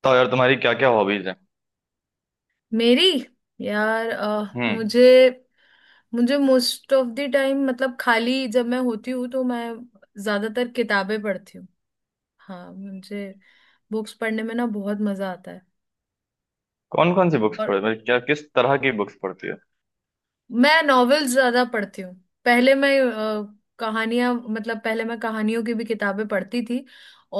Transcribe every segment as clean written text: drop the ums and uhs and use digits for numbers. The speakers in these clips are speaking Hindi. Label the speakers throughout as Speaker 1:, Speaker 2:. Speaker 1: बताओ यार, तुम्हारी क्या क्या हॉबीज है।
Speaker 2: मेरी यार
Speaker 1: हम्म।
Speaker 2: मुझे मुझे मोस्ट ऑफ द टाइम मतलब खाली जब मैं होती हूँ तो मैं ज्यादातर किताबें पढ़ती हूँ। हाँ मुझे बुक्स पढ़ने में ना बहुत मजा आता है।
Speaker 1: कौन कौन सी बुक्स
Speaker 2: और
Speaker 1: पढ़ मतलब क्या, किस तरह की बुक्स पढ़ती हो?
Speaker 2: मैं नॉवेल्स ज्यादा पढ़ती हूँ। पहले मैं कहानियां मतलब पहले मैं कहानियों की भी किताबें पढ़ती थी।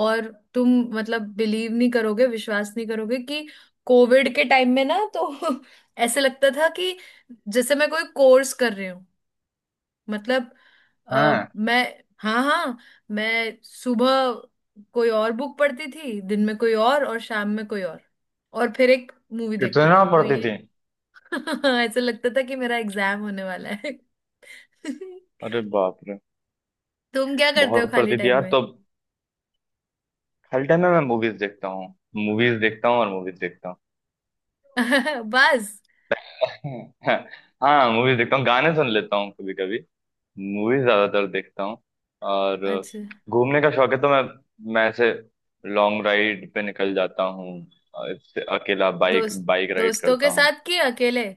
Speaker 2: और तुम मतलब बिलीव नहीं करोगे, विश्वास नहीं करोगे कि कोविड के टाइम में ना तो ऐसे लगता था कि जैसे मैं कोई कोर्स कर रही हूँ। मतलब
Speaker 1: हाँ।
Speaker 2: मैं, हाँ हाँ, मैं सुबह कोई और बुक पढ़ती थी, दिन में कोई और शाम में कोई और। और फिर एक मूवी देखती
Speaker 1: इतना
Speaker 2: थी, तो
Speaker 1: पढ़ती
Speaker 2: ये
Speaker 1: थी?
Speaker 2: ऐसा लगता था कि मेरा एग्जाम होने वाला है।
Speaker 1: अरे बाप रे।
Speaker 2: तुम क्या करते हो
Speaker 1: बहुत
Speaker 2: खाली
Speaker 1: पढ़ती थी
Speaker 2: टाइम
Speaker 1: यार,
Speaker 2: में?
Speaker 1: तो अब खाली टाइम में मैं मूवीज देखता हूँ। मूवीज देखता हूँ और मूवीज देखता हूँ।
Speaker 2: बस।
Speaker 1: हाँ, मूवीज देखता हूँ, गाने सुन लेता हूँ कभी कभी। मूवीज ज्यादातर देखता हूँ। और
Speaker 2: अच्छा।
Speaker 1: घूमने का शौक है, तो मैं ऐसे लॉन्ग राइड पे निकल जाता हूँ। और इससे अकेला बाइक
Speaker 2: दोस्त
Speaker 1: बाइक राइड
Speaker 2: दोस्तों
Speaker 1: करता
Speaker 2: के
Speaker 1: हूँ।
Speaker 2: साथ कि अकेले?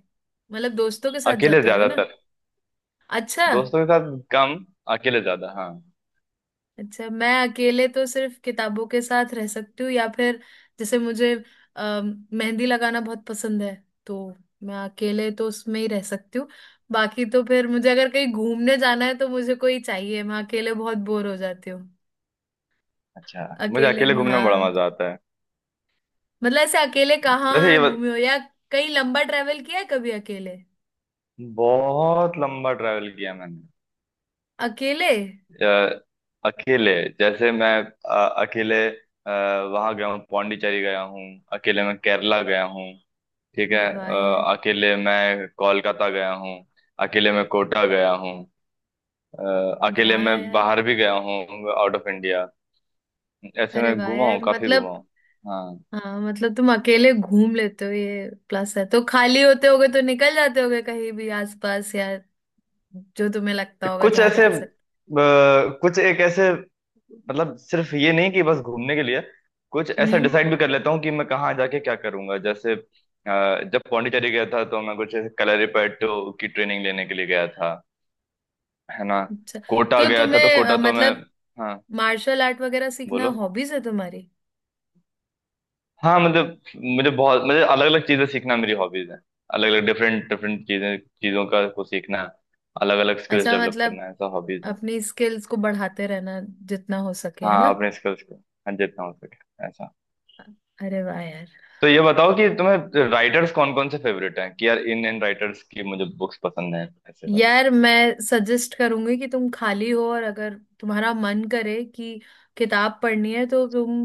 Speaker 2: मतलब दोस्तों के साथ
Speaker 1: अकेले
Speaker 2: जाते होगे ना।
Speaker 1: ज्यादातर।
Speaker 2: अच्छा।
Speaker 1: दोस्तों के साथ कम। अकेले ज्यादा, हाँ।
Speaker 2: अच्छा, मैं अकेले तो सिर्फ किताबों के साथ रह सकती हूँ, या फिर जैसे मुझे मेहंदी लगाना बहुत पसंद है, तो मैं अकेले तो उसमें ही रह सकती हूँ। बाकी तो फिर मुझे अगर कहीं घूमने जाना है तो मुझे कोई चाहिए, मैं अकेले बहुत बोर हो जाती हूँ।
Speaker 1: अच्छा, मुझे
Speaker 2: अकेले
Speaker 1: अकेले
Speaker 2: नहीं,
Speaker 1: घूमने में बड़ा
Speaker 2: हाँ।
Speaker 1: मजा आता है।
Speaker 2: मतलब ऐसे अकेले
Speaker 1: वैसे
Speaker 2: कहाँ
Speaker 1: ये बत-
Speaker 2: घूमे हो, या कहीं लंबा ट्रेवल किया है कभी अकेले?
Speaker 1: बहुत लंबा ट्रैवल किया मैंने।
Speaker 2: अकेले?
Speaker 1: अ, अकेले। जैसे मैं अकेले वहां गया हूँ, पौंडीचेरी गया हूँ। अकेले मैं केरला गया हूँ। ठीक है,
Speaker 2: अरे वाह यार।
Speaker 1: अकेले मैं कोलकाता गया हूँ। अकेले मैं कोटा गया हूँ। अकेले
Speaker 2: वाह
Speaker 1: मैं
Speaker 2: यार।
Speaker 1: बाहर भी गया हूँ। Out of India. ऐसे
Speaker 2: अरे
Speaker 1: मैं
Speaker 2: वाह
Speaker 1: घूमा हूँ,
Speaker 2: यार।
Speaker 1: काफी घूमा
Speaker 2: मतलब
Speaker 1: हूँ। हाँ।
Speaker 2: हाँ, मतलब तुम अकेले घूम लेते हो, ये प्लस है, तो खाली होते होगे तो निकल जाते होगे कहीं भी आसपास, या जो तुम्हें लगता होगा जहाँ जा सकते।
Speaker 1: कुछ एक ऐसे, मतलब सिर्फ ये नहीं कि बस घूमने के लिए। कुछ ऐसा
Speaker 2: हम्म।
Speaker 1: डिसाइड भी कर लेता हूँ कि मैं कहाँ जाके क्या करूंगा। जैसे जब पौंडीचेरी गया था, तो मैं कुछ कलरीपयट्टू की ट्रेनिंग लेने के लिए गया था। है ना।
Speaker 2: अच्छा,
Speaker 1: कोटा
Speaker 2: तो
Speaker 1: गया था तो
Speaker 2: तुम्हें
Speaker 1: कोटा तो मैं।
Speaker 2: मतलब
Speaker 1: हाँ।
Speaker 2: मार्शल आर्ट वगैरह सीखना
Speaker 1: बोलो।
Speaker 2: हॉबीज है तुम्हारी?
Speaker 1: हाँ मतलब मुझे अलग अलग चीजें सीखना मेरी हॉबीज है। अलग अलग डिफरेंट डिफरेंट चीजें चीजों का को सीखना। अलग अलग स्किल्स
Speaker 2: अच्छा,
Speaker 1: डेवलप
Speaker 2: मतलब
Speaker 1: करना, ऐसा हॉबीज है।
Speaker 2: अपनी स्किल्स को बढ़ाते रहना जितना हो सके, है
Speaker 1: हाँ,
Speaker 2: ना।
Speaker 1: अपने स्किल्स को। हाँ, जितना हो सके, ऐसा।
Speaker 2: अरे वाह यार।
Speaker 1: तो ये बताओ कि तुम्हें राइटर्स कौन कौन से फेवरेट हैं कि यार इन इन राइटर्स की मुझे बुक्स पसंद हैं, ऐसे वाली।
Speaker 2: यार मैं सजेस्ट करूंगी कि तुम खाली हो और अगर तुम्हारा मन करे कि किताब पढ़नी है, तो तुम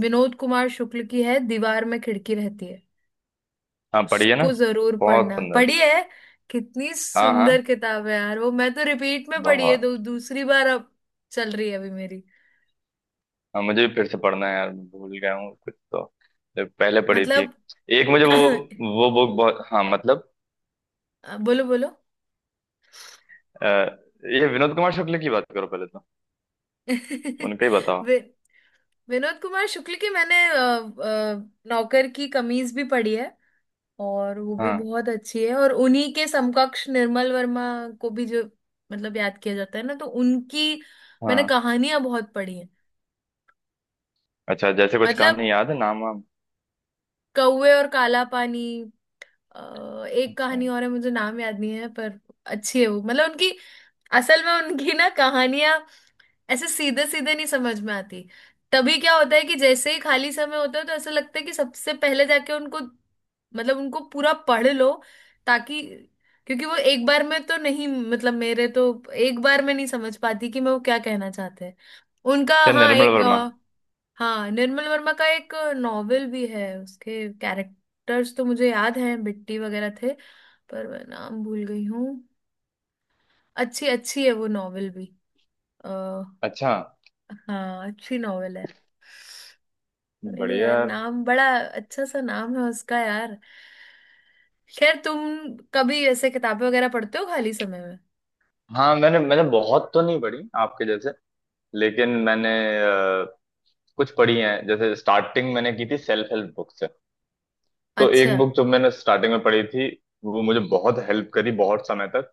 Speaker 2: विनोद कुमार शुक्ल की है दीवार में खिड़की रहती है,
Speaker 1: हाँ, पढ़िए ना।
Speaker 2: उसको जरूर
Speaker 1: बहुत
Speaker 2: पढ़ना।
Speaker 1: सुंदर।
Speaker 2: पढ़ी है? कितनी
Speaker 1: हाँ
Speaker 2: सुंदर
Speaker 1: हाँ।
Speaker 2: किताब है यार। वो मैं तो रिपीट में पढ़ी है,
Speaker 1: बहुत।
Speaker 2: दो दूसरी बार अब चल रही है अभी मेरी।
Speaker 1: हाँ, मुझे भी फिर से पढ़ना है यार, मैं भूल गया हूँ कुछ तो, जो पहले पढ़ी थी।
Speaker 2: मतलब
Speaker 1: एक मुझे वो वो बुक बहुत, हाँ मतलब।
Speaker 2: बोलो बोलो।
Speaker 1: अ, ये विनोद कुमार शुक्ल की बात करो पहले तो, उनका ही बताओ।
Speaker 2: वि, विनोद कुमार शुक्ल की मैंने नौकर की कमीज भी पढ़ी है, और वो भी
Speaker 1: हाँ
Speaker 2: बहुत अच्छी है। और उन्हीं के समकक्ष निर्मल वर्मा को भी जो मतलब याद किया जाता है ना, तो उनकी मैंने
Speaker 1: हाँ।
Speaker 2: कहानियां बहुत पढ़ी हैं।
Speaker 1: अच्छा, जैसे कुछ
Speaker 2: मतलब
Speaker 1: कहानी याद है, नाम वाम?
Speaker 2: कौवे और काला पानी, एक
Speaker 1: अच्छा।
Speaker 2: कहानी और है मुझे नाम याद नहीं है, पर अच्छी है वो, मतलब उनकी। असल में उनकी ना कहानियां ऐसे सीधे सीधे नहीं समझ में आती। तभी क्या होता है कि जैसे ही खाली समय होता है तो ऐसा लगता है कि सबसे पहले जाके उनको मतलब उनको पूरा पढ़ लो, ताकि, क्योंकि वो एक बार में तो नहीं, मतलब मेरे तो एक बार में नहीं समझ पाती कि मैं वो क्या कहना चाहते हैं उनका।
Speaker 1: क्या
Speaker 2: हाँ
Speaker 1: निर्मल
Speaker 2: एक
Speaker 1: वर्मा?
Speaker 2: हाँ, निर्मल वर्मा का एक नॉवेल भी है, उसके कैरेक्टर्स तो मुझे याद हैं, बिट्टी वगैरह थे, पर मैं नाम भूल गई हूँ। अच्छी, अच्छी है वो नॉवेल भी।
Speaker 1: अच्छा।
Speaker 2: हाँ अच्छी नॉवेल है। अरे
Speaker 1: बढ़िया
Speaker 2: यार
Speaker 1: यार।
Speaker 2: नाम बड़ा अच्छा सा नाम है उसका यार। खैर, तुम कभी ऐसे किताबें वगैरह पढ़ते हो खाली समय में?
Speaker 1: हाँ, मैंने मैंने बहुत तो नहीं पढ़ी आपके जैसे, लेकिन मैंने अ, कुछ पढ़ी हैं। जैसे स्टार्टिंग मैंने की थी सेल्फ हेल्प बुक से। तो
Speaker 2: अच्छा।
Speaker 1: एक बुक जो मैंने स्टार्टिंग में पढ़ी थी, वो मुझे बहुत हेल्प करी, बहुत समय तक।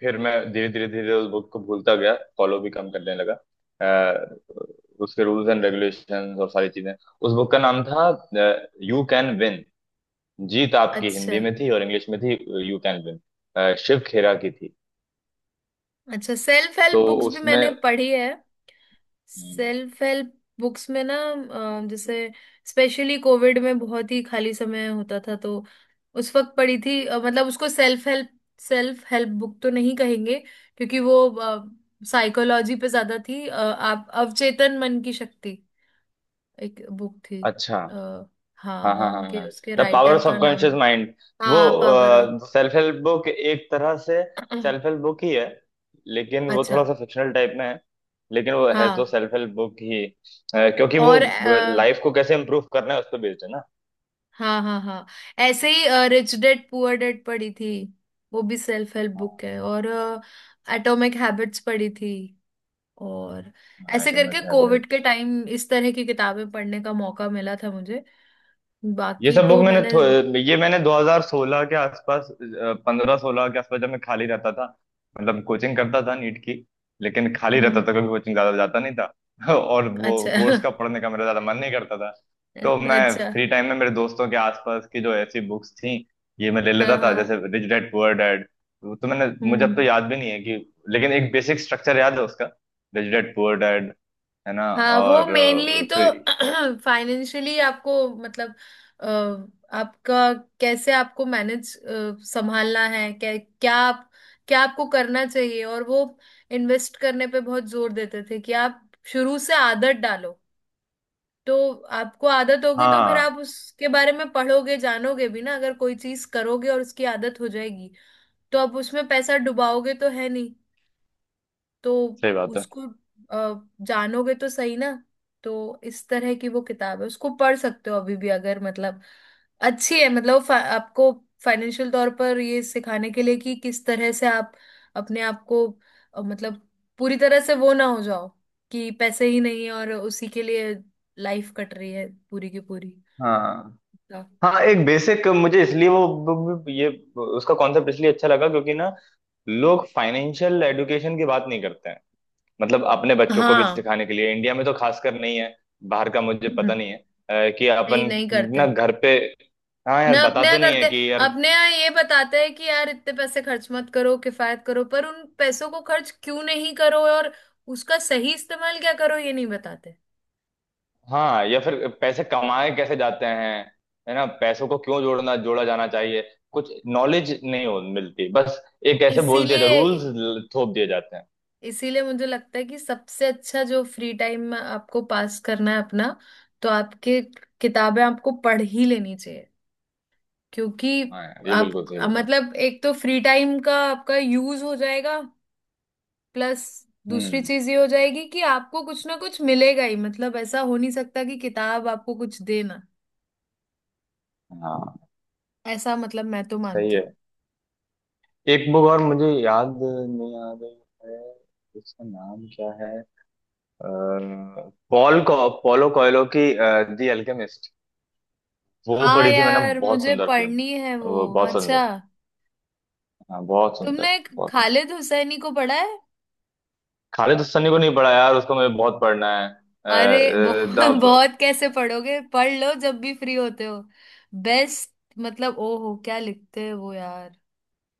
Speaker 1: फिर मैं धीरे धीरे धीरे उस बुक को भूलता गया, फॉलो भी कम करने लगा अ, उसके रूल्स एंड रेगुलेशंस और सारी चीजें। उस बुक का नाम था यू कैन विन। जीत आपकी
Speaker 2: अच्छा।
Speaker 1: हिंदी में थी और इंग्लिश में थी। You can win, Shiv Khera की थी।
Speaker 2: अच्छा, सेल्फ हेल्प
Speaker 1: तो
Speaker 2: बुक्स भी मैंने
Speaker 1: उसमें।
Speaker 2: पढ़ी है। सेल्फ हेल्प बुक्स में ना जैसे स्पेशली कोविड में बहुत ही खाली समय होता था, तो उस वक्त पढ़ी थी। मतलब उसको सेल्फ हेल्प बुक तो नहीं कहेंगे, क्योंकि वो साइकोलॉजी पे ज्यादा थी। आप अवचेतन मन की शक्ति, एक बुक थी।
Speaker 1: अच्छा।
Speaker 2: आ, हाँ,
Speaker 1: हाँ
Speaker 2: मैं
Speaker 1: हाँ हाँ
Speaker 2: उनके,
Speaker 1: हाँ।
Speaker 2: उसके
Speaker 1: द पावर
Speaker 2: राइटर
Speaker 1: ऑफ
Speaker 2: का नाम।
Speaker 1: Subconscious mind. वो
Speaker 2: हाँ, power of.
Speaker 1: Self help book एक तरह से सेल्फ हेल्प बुक ही है। लेकिन वो
Speaker 2: अच्छा।
Speaker 1: थोड़ा सा फिक्शनल टाइप में है। लेकिन वो है
Speaker 2: हाँ।
Speaker 1: तो सेल्फ हेल्प बुक ही। क्योंकि वो
Speaker 2: और
Speaker 1: लाइफ को कैसे इम्प्रूव करना है, उस पर बेस्ड है ना।
Speaker 2: हाँ हाँ हाँ। ऐसे ही रिच डेड पुअर डेड पढ़ी थी, वो भी सेल्फ हेल्प बुक है। और एटॉमिक हैबिट्स पढ़ी थी, और ऐसे करके
Speaker 1: एटॉमिक
Speaker 2: कोविड के
Speaker 1: हैबिट।
Speaker 2: टाइम इस तरह की किताबें पढ़ने का मौका मिला था मुझे।
Speaker 1: ये
Speaker 2: बाकी
Speaker 1: सब बुक
Speaker 2: तो
Speaker 1: मैंने
Speaker 2: मैंने,
Speaker 1: थो- ये मैंने 2016 के आसपास, 15-16 के आसपास, जब मैं खाली रहता था। मतलब कोचिंग करता था नीट की, लेकिन खाली रहता
Speaker 2: हम्म।
Speaker 1: था क्योंकि कोचिंग ज्यादा जाता नहीं था। और वो
Speaker 2: अच्छा।
Speaker 1: कोर्स का पढ़ने का मेरा ज्यादा मन नहीं करता था। तो मैं
Speaker 2: अच्छा।
Speaker 1: फ्री टाइम में मेरे दोस्तों के आसपास की जो ऐसी बुक्स थी, ये मैं ले
Speaker 2: हाँ
Speaker 1: लेता था, जैसे
Speaker 2: हाँ।
Speaker 1: Rich dad poor dad. तो मैंने मुझे अब तो
Speaker 2: हम्म।
Speaker 1: याद भी नहीं है कि, लेकिन एक बेसिक स्ट्रक्चर याद है उसका, रिच डैड पुअर डैड। है ना।
Speaker 2: हाँ, वो
Speaker 1: और
Speaker 2: मेनली तो
Speaker 1: फिर।
Speaker 2: फाइनेंशियली आपको, मतलब अ, आपका कैसे, आपको मैनेज, संभालना है, क्या क्या आप, क्या आपको करना चाहिए, और वो इन्वेस्ट करने पे बहुत जोर देते थे कि आप शुरू से आदत डालो। तो आपको आदत होगी तो फिर
Speaker 1: हाँ,
Speaker 2: आप उसके बारे में पढ़ोगे, जानोगे भी ना, अगर कोई चीज करोगे और उसकी आदत हो जाएगी, तो आप उसमें पैसा डुबाओगे तो है, तो
Speaker 1: सही बात है।
Speaker 2: उसको जानोगे तो सही ना। तो इस तरह की वो किताब है, उसको पढ़ सकते हो अभी भी अगर, मतलब अच्छी है मतलब आपको फाइनेंशियल तौर पर ये सिखाने के लिए कि किस तरह से आप अपने आप को मतलब पूरी तरह से वो ना हो जाओ कि पैसे ही नहीं है और उसी के लिए लाइफ कट रही है पूरी की पूरी।
Speaker 1: हाँ हाँ। हाँ, एक बेसिक मुझे इसलिए वो, ये उसका कॉन्सेप्ट इसलिए अच्छा लगा क्योंकि ना, लोग फाइनेंशियल एडुकेशन की बात नहीं करते हैं। मतलब अपने बच्चों को भी
Speaker 2: हाँ।
Speaker 1: सिखाने के लिए, इंडिया में तो खासकर नहीं है। बाहर का मुझे पता नहीं है कि
Speaker 2: नहीं,
Speaker 1: अपन,
Speaker 2: नहीं करते
Speaker 1: ना घर पे। हाँ यार,
Speaker 2: ना अपने
Speaker 1: बताते
Speaker 2: यहाँ
Speaker 1: नहीं है
Speaker 2: करते,
Speaker 1: कि यार।
Speaker 2: अपने यहाँ ये बताते हैं कि यार इतने पैसे खर्च मत करो, किफायत करो, पर उन पैसों को खर्च क्यों नहीं करो और उसका सही इस्तेमाल क्या करो ये नहीं बताते।
Speaker 1: हाँ, या फिर पैसे कमाए कैसे जाते हैं, है ना, पैसों को क्यों जोड़ना जोड़ा जाना चाहिए, कुछ नॉलेज नहीं हो मिलती। बस एक ऐसे बोल दिया
Speaker 2: इसीलिए
Speaker 1: जाता, रूल्स थोप दिए जाते हैं।
Speaker 2: इसीलिए मुझे लगता है कि सबसे अच्छा जो फ्री टाइम में आपको पास करना है अपना, तो आपके किताबें आपको पढ़ ही लेनी चाहिए। क्योंकि
Speaker 1: हाँ यार, ये बिल्कुल
Speaker 2: आप,
Speaker 1: सही बोला।
Speaker 2: मतलब एक तो फ्री टाइम का आपका यूज हो जाएगा, प्लस दूसरी
Speaker 1: हम्म।
Speaker 2: चीज ये हो जाएगी कि आपको कुछ ना कुछ मिलेगा ही, मतलब ऐसा हो नहीं सकता कि किताब आपको कुछ देना,
Speaker 1: हाँ।
Speaker 2: ऐसा मतलब मैं तो
Speaker 1: सही
Speaker 2: मानती
Speaker 1: है।
Speaker 2: हूँ।
Speaker 1: एक बुक और मुझे याद नहीं आ रही है। इसका नाम क्या है? पॉलो कोयलो की, दी अल्केमिस्ट। वो
Speaker 2: हाँ
Speaker 1: पढ़ी थी मैंने,
Speaker 2: यार,
Speaker 1: बहुत
Speaker 2: मुझे
Speaker 1: सुंदर फिल्म।
Speaker 2: पढ़नी है वो।
Speaker 1: वो बहुत
Speaker 2: अच्छा,
Speaker 1: सुंदर। हाँ, बहुत
Speaker 2: तुमने
Speaker 1: सुंदर।
Speaker 2: एक
Speaker 1: बहुत सुंदर।
Speaker 2: खालिद हुसैनी को पढ़ा है?
Speaker 1: खालिद हसनी को नहीं पढ़ा यार, उसको मुझे बहुत पढ़ना है।
Speaker 2: अरे बहुत।
Speaker 1: द
Speaker 2: बहुत कैसे पढ़ोगे, पढ़ लो जब भी फ्री होते हो, बेस्ट। मतलब ओहो, क्या लिखते हैं वो यार,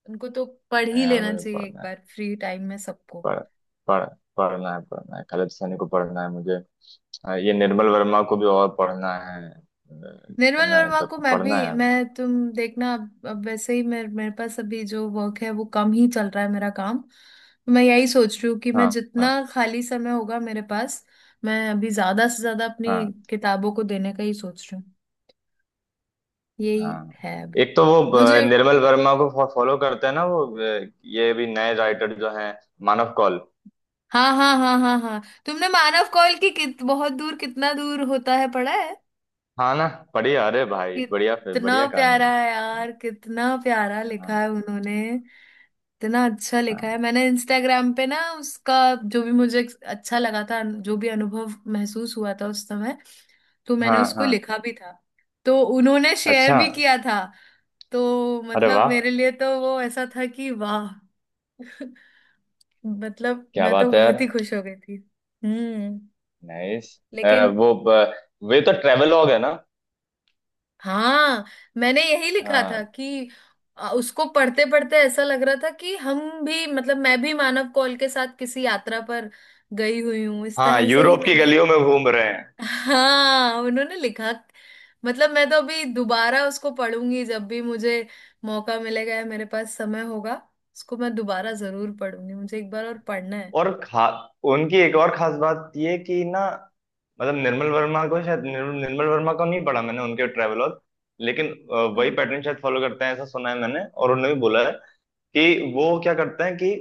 Speaker 2: उनको तो पढ़
Speaker 1: हाँ
Speaker 2: ही
Speaker 1: यार,
Speaker 2: लेना
Speaker 1: मुझे
Speaker 2: चाहिए एक
Speaker 1: पढ़ना है।
Speaker 2: बार फ्री टाइम में सबको।
Speaker 1: पढ़ पढ़ पढ़ना है, पढ़ना है, खालिद हसनी को पढ़ना है मुझे। ये निर्मल वर्मा को भी और पढ़ना है है
Speaker 2: निर्मल
Speaker 1: ना, इन
Speaker 2: वर्मा को
Speaker 1: सबको
Speaker 2: मैं भी,
Speaker 1: पढ़ना है।
Speaker 2: मैं तुम देखना, अब वैसे ही मेरे मेरे पास अभी जो वर्क है वो कम ही चल रहा है मेरा काम। मैं यही सोच रही हूँ कि मैं
Speaker 1: हाँ
Speaker 2: जितना
Speaker 1: हाँ
Speaker 2: खाली समय होगा मेरे पास, मैं अभी ज्यादा से ज्यादा अपनी
Speaker 1: हाँ।
Speaker 2: किताबों को देने का ही सोच रही हूँ। यही
Speaker 1: हाँ,
Speaker 2: है अभी।
Speaker 1: एक तो वो
Speaker 2: मुझे,
Speaker 1: निर्मल वर्मा को फॉलो करते हैं ना, वो ये भी नए राइटर जो हैं, मानव कौल।
Speaker 2: हाँ हाँ हाँ हाँ हाँ, तुमने मानव कौल की कित बहुत दूर कितना दूर होता है पढ़ा है?
Speaker 1: हाँ ना। बढ़िया, अरे भाई बढ़िया, फिर
Speaker 2: कितना
Speaker 1: बढ़िया कहानी
Speaker 2: प्यारा
Speaker 1: है।
Speaker 2: है यार, कितना प्यारा लिखा
Speaker 1: हाँ
Speaker 2: है उन्होंने। इतना अच्छा लिखा है।
Speaker 1: हाँ
Speaker 2: मैंने इंस्टाग्राम पे ना उसका, जो भी मुझे अच्छा लगा था, जो भी अनुभव महसूस हुआ था उस समय, तो मैंने
Speaker 1: हाँ
Speaker 2: उसको
Speaker 1: हाँ।
Speaker 2: लिखा भी था। तो उन्होंने शेयर
Speaker 1: अच्छा।
Speaker 2: भी किया था। तो
Speaker 1: अरे
Speaker 2: मतलब
Speaker 1: वाह।
Speaker 2: मेरे लिए तो वो ऐसा था कि वाह। मतलब
Speaker 1: क्या
Speaker 2: मैं तो
Speaker 1: बात है यार।
Speaker 2: बहुत ही खुश हो गई थी। हम्म।
Speaker 1: नाइस।
Speaker 2: लेकिन
Speaker 1: वो ब- वे तो ट्रेवलॉग है ना।
Speaker 2: हाँ, मैंने यही लिखा था
Speaker 1: हाँ।
Speaker 2: कि उसको पढ़ते पढ़ते ऐसा लग रहा था कि हम भी, मतलब मैं भी मानव कौल के साथ किसी यात्रा पर गई हुई हूँ, इस
Speaker 1: हाँ,
Speaker 2: तरह से ही
Speaker 1: यूरोप की
Speaker 2: मैंने।
Speaker 1: गलियों में घूम रहे हैं।
Speaker 2: हाँ उन्होंने लिखा। मतलब मैं तो अभी दोबारा उसको पढ़ूंगी जब भी मुझे मौका मिलेगा या मेरे पास समय होगा। उसको मैं दोबारा जरूर पढ़ूंगी, मुझे एक बार और पढ़ना है।
Speaker 1: और खा उनकी एक और खास बात ये कि ना, मतलब निर्मल निर्मल वर्मा को नहीं पढ़ा मैंने, उनके ट्रेवलॉग। लेकिन वही
Speaker 2: हम्म।
Speaker 1: पैटर्न शायद फॉलो करते हैं, ऐसा सुना है मैंने, और उन्होंने भी बोला है कि वो क्या करते हैं कि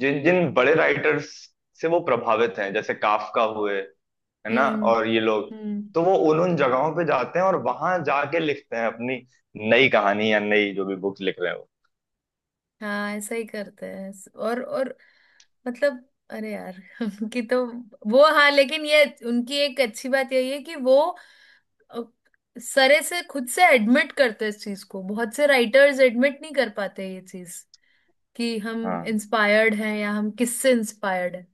Speaker 1: जिन जिन बड़े राइटर्स से वो प्रभावित हैं, जैसे काफका हुए, है ना,
Speaker 2: हम्म।
Speaker 1: और ये लोग,
Speaker 2: हम्म,
Speaker 1: तो वो उन उन जगहों पे जाते हैं और वहां जाके लिखते हैं अपनी नई कहानी या नई जो भी बुक लिख रहे हो।
Speaker 2: हाँ ऐसा ही करते हैं। और मतलब, अरे यार कि तो वो, हाँ लेकिन ये उनकी एक अच्छी बात यही है कि वो अ, सरे से खुद से एडमिट करते हैं इस चीज को, बहुत से राइटर्स एडमिट नहीं कर पाते ये चीज, कि हम
Speaker 1: हाँ
Speaker 2: इंस्पायर्ड हैं, या हम किससे इंस्पायर्ड हैं।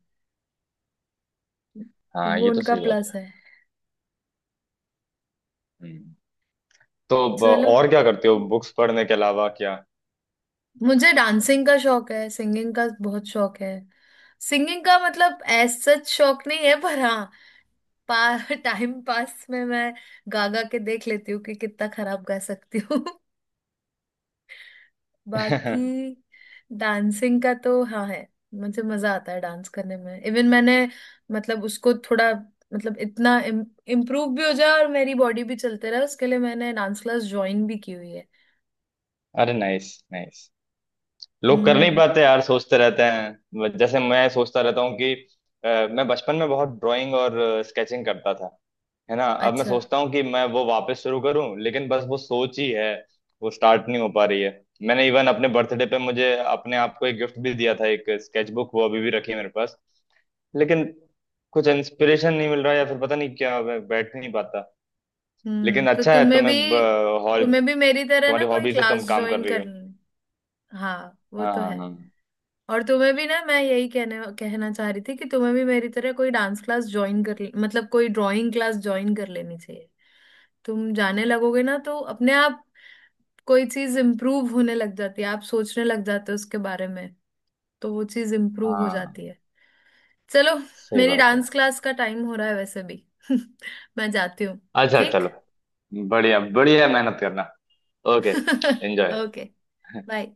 Speaker 1: हाँ,
Speaker 2: वो
Speaker 1: ये तो
Speaker 2: उनका
Speaker 1: सही बात
Speaker 2: प्लस
Speaker 1: है।
Speaker 2: है।
Speaker 1: हम्म। तो ब-
Speaker 2: चलो।
Speaker 1: और क्या करते हो बुक्स पढ़ने के अलावा क्या?
Speaker 2: मुझे डांसिंग का शौक है, सिंगिंग का बहुत शौक है। सिंगिंग का मतलब एज सच शौक नहीं है, पर हाँ पार टाइम पास में मैं गा गा के देख लेती हूँ कि कितना खराब गा सकती हूँ। बाकी डांसिंग का तो हाँ है। मुझे मजा आता है डांस करने में। इवन मैंने, मतलब उसको थोड़ा, मतलब इतना इम्प्रूव भी हो जाए और मेरी बॉडी भी चलते रहे, उसके लिए मैंने डांस क्लास ज्वाइन भी की हुई है।
Speaker 1: अरे नाइस नाइस। लोग कर नहीं
Speaker 2: हम्म।
Speaker 1: पाते यार, सोचते रहते हैं, जैसे मैं सोचता रहता हूँ कि मैं बचपन में बहुत ड्राइंग और स्केचिंग करता था। है ना। अब मैं
Speaker 2: अच्छा।
Speaker 1: सोचता हूँ कि मैं वो वापस शुरू करूँ, लेकिन बस वो सोच ही है। वो स्टार्ट नहीं हो पा रही है। मैंने इवन अपने बर्थडे पे मुझे अपने आप को एक गिफ्ट भी दिया था, एक स्केचबुक, वो अभी भी रखी है मेरे पास। लेकिन कुछ इंस्पिरेशन नहीं मिल रहा या फिर पता नहीं क्या, मैं बैठ नहीं पाता।
Speaker 2: हम्म,
Speaker 1: लेकिन
Speaker 2: तो
Speaker 1: अच्छा है,
Speaker 2: तुम्हें भी
Speaker 1: तुम्हें हॉल
Speaker 2: तुम्हें भी मेरी तरह ना
Speaker 1: तुम्हारी
Speaker 2: कोई
Speaker 1: हॉबी से
Speaker 2: क्लास
Speaker 1: तुम काम कर
Speaker 2: ज्वाइन
Speaker 1: रही हो।
Speaker 2: करनी। हाँ वो
Speaker 1: हाँ
Speaker 2: तो
Speaker 1: हाँ
Speaker 2: है।
Speaker 1: हाँ।
Speaker 2: और तुम्हें भी ना मैं यही कहने, कहना चाह रही थी कि तुम्हें भी मेरी तरह कोई डांस क्लास ज्वाइन मतलब कोई ड्राइंग क्लास ज्वाइन कर लेनी चाहिए। तुम जाने लगोगे ना तो अपने आप कोई चीज इम्प्रूव होने लग जाती है, आप सोचने लग जाते हो उसके बारे में, तो वो चीज इम्प्रूव हो
Speaker 1: हाँ,
Speaker 2: जाती है। चलो,
Speaker 1: सही
Speaker 2: मेरी
Speaker 1: बात है।
Speaker 2: डांस क्लास का टाइम हो रहा है वैसे भी। मैं जाती हूँ।
Speaker 1: अच्छा
Speaker 2: ठीक।
Speaker 1: चलो। बढ़िया बढ़िया, मेहनत करना। ओके। एंजॉय।
Speaker 2: ओके। बाय।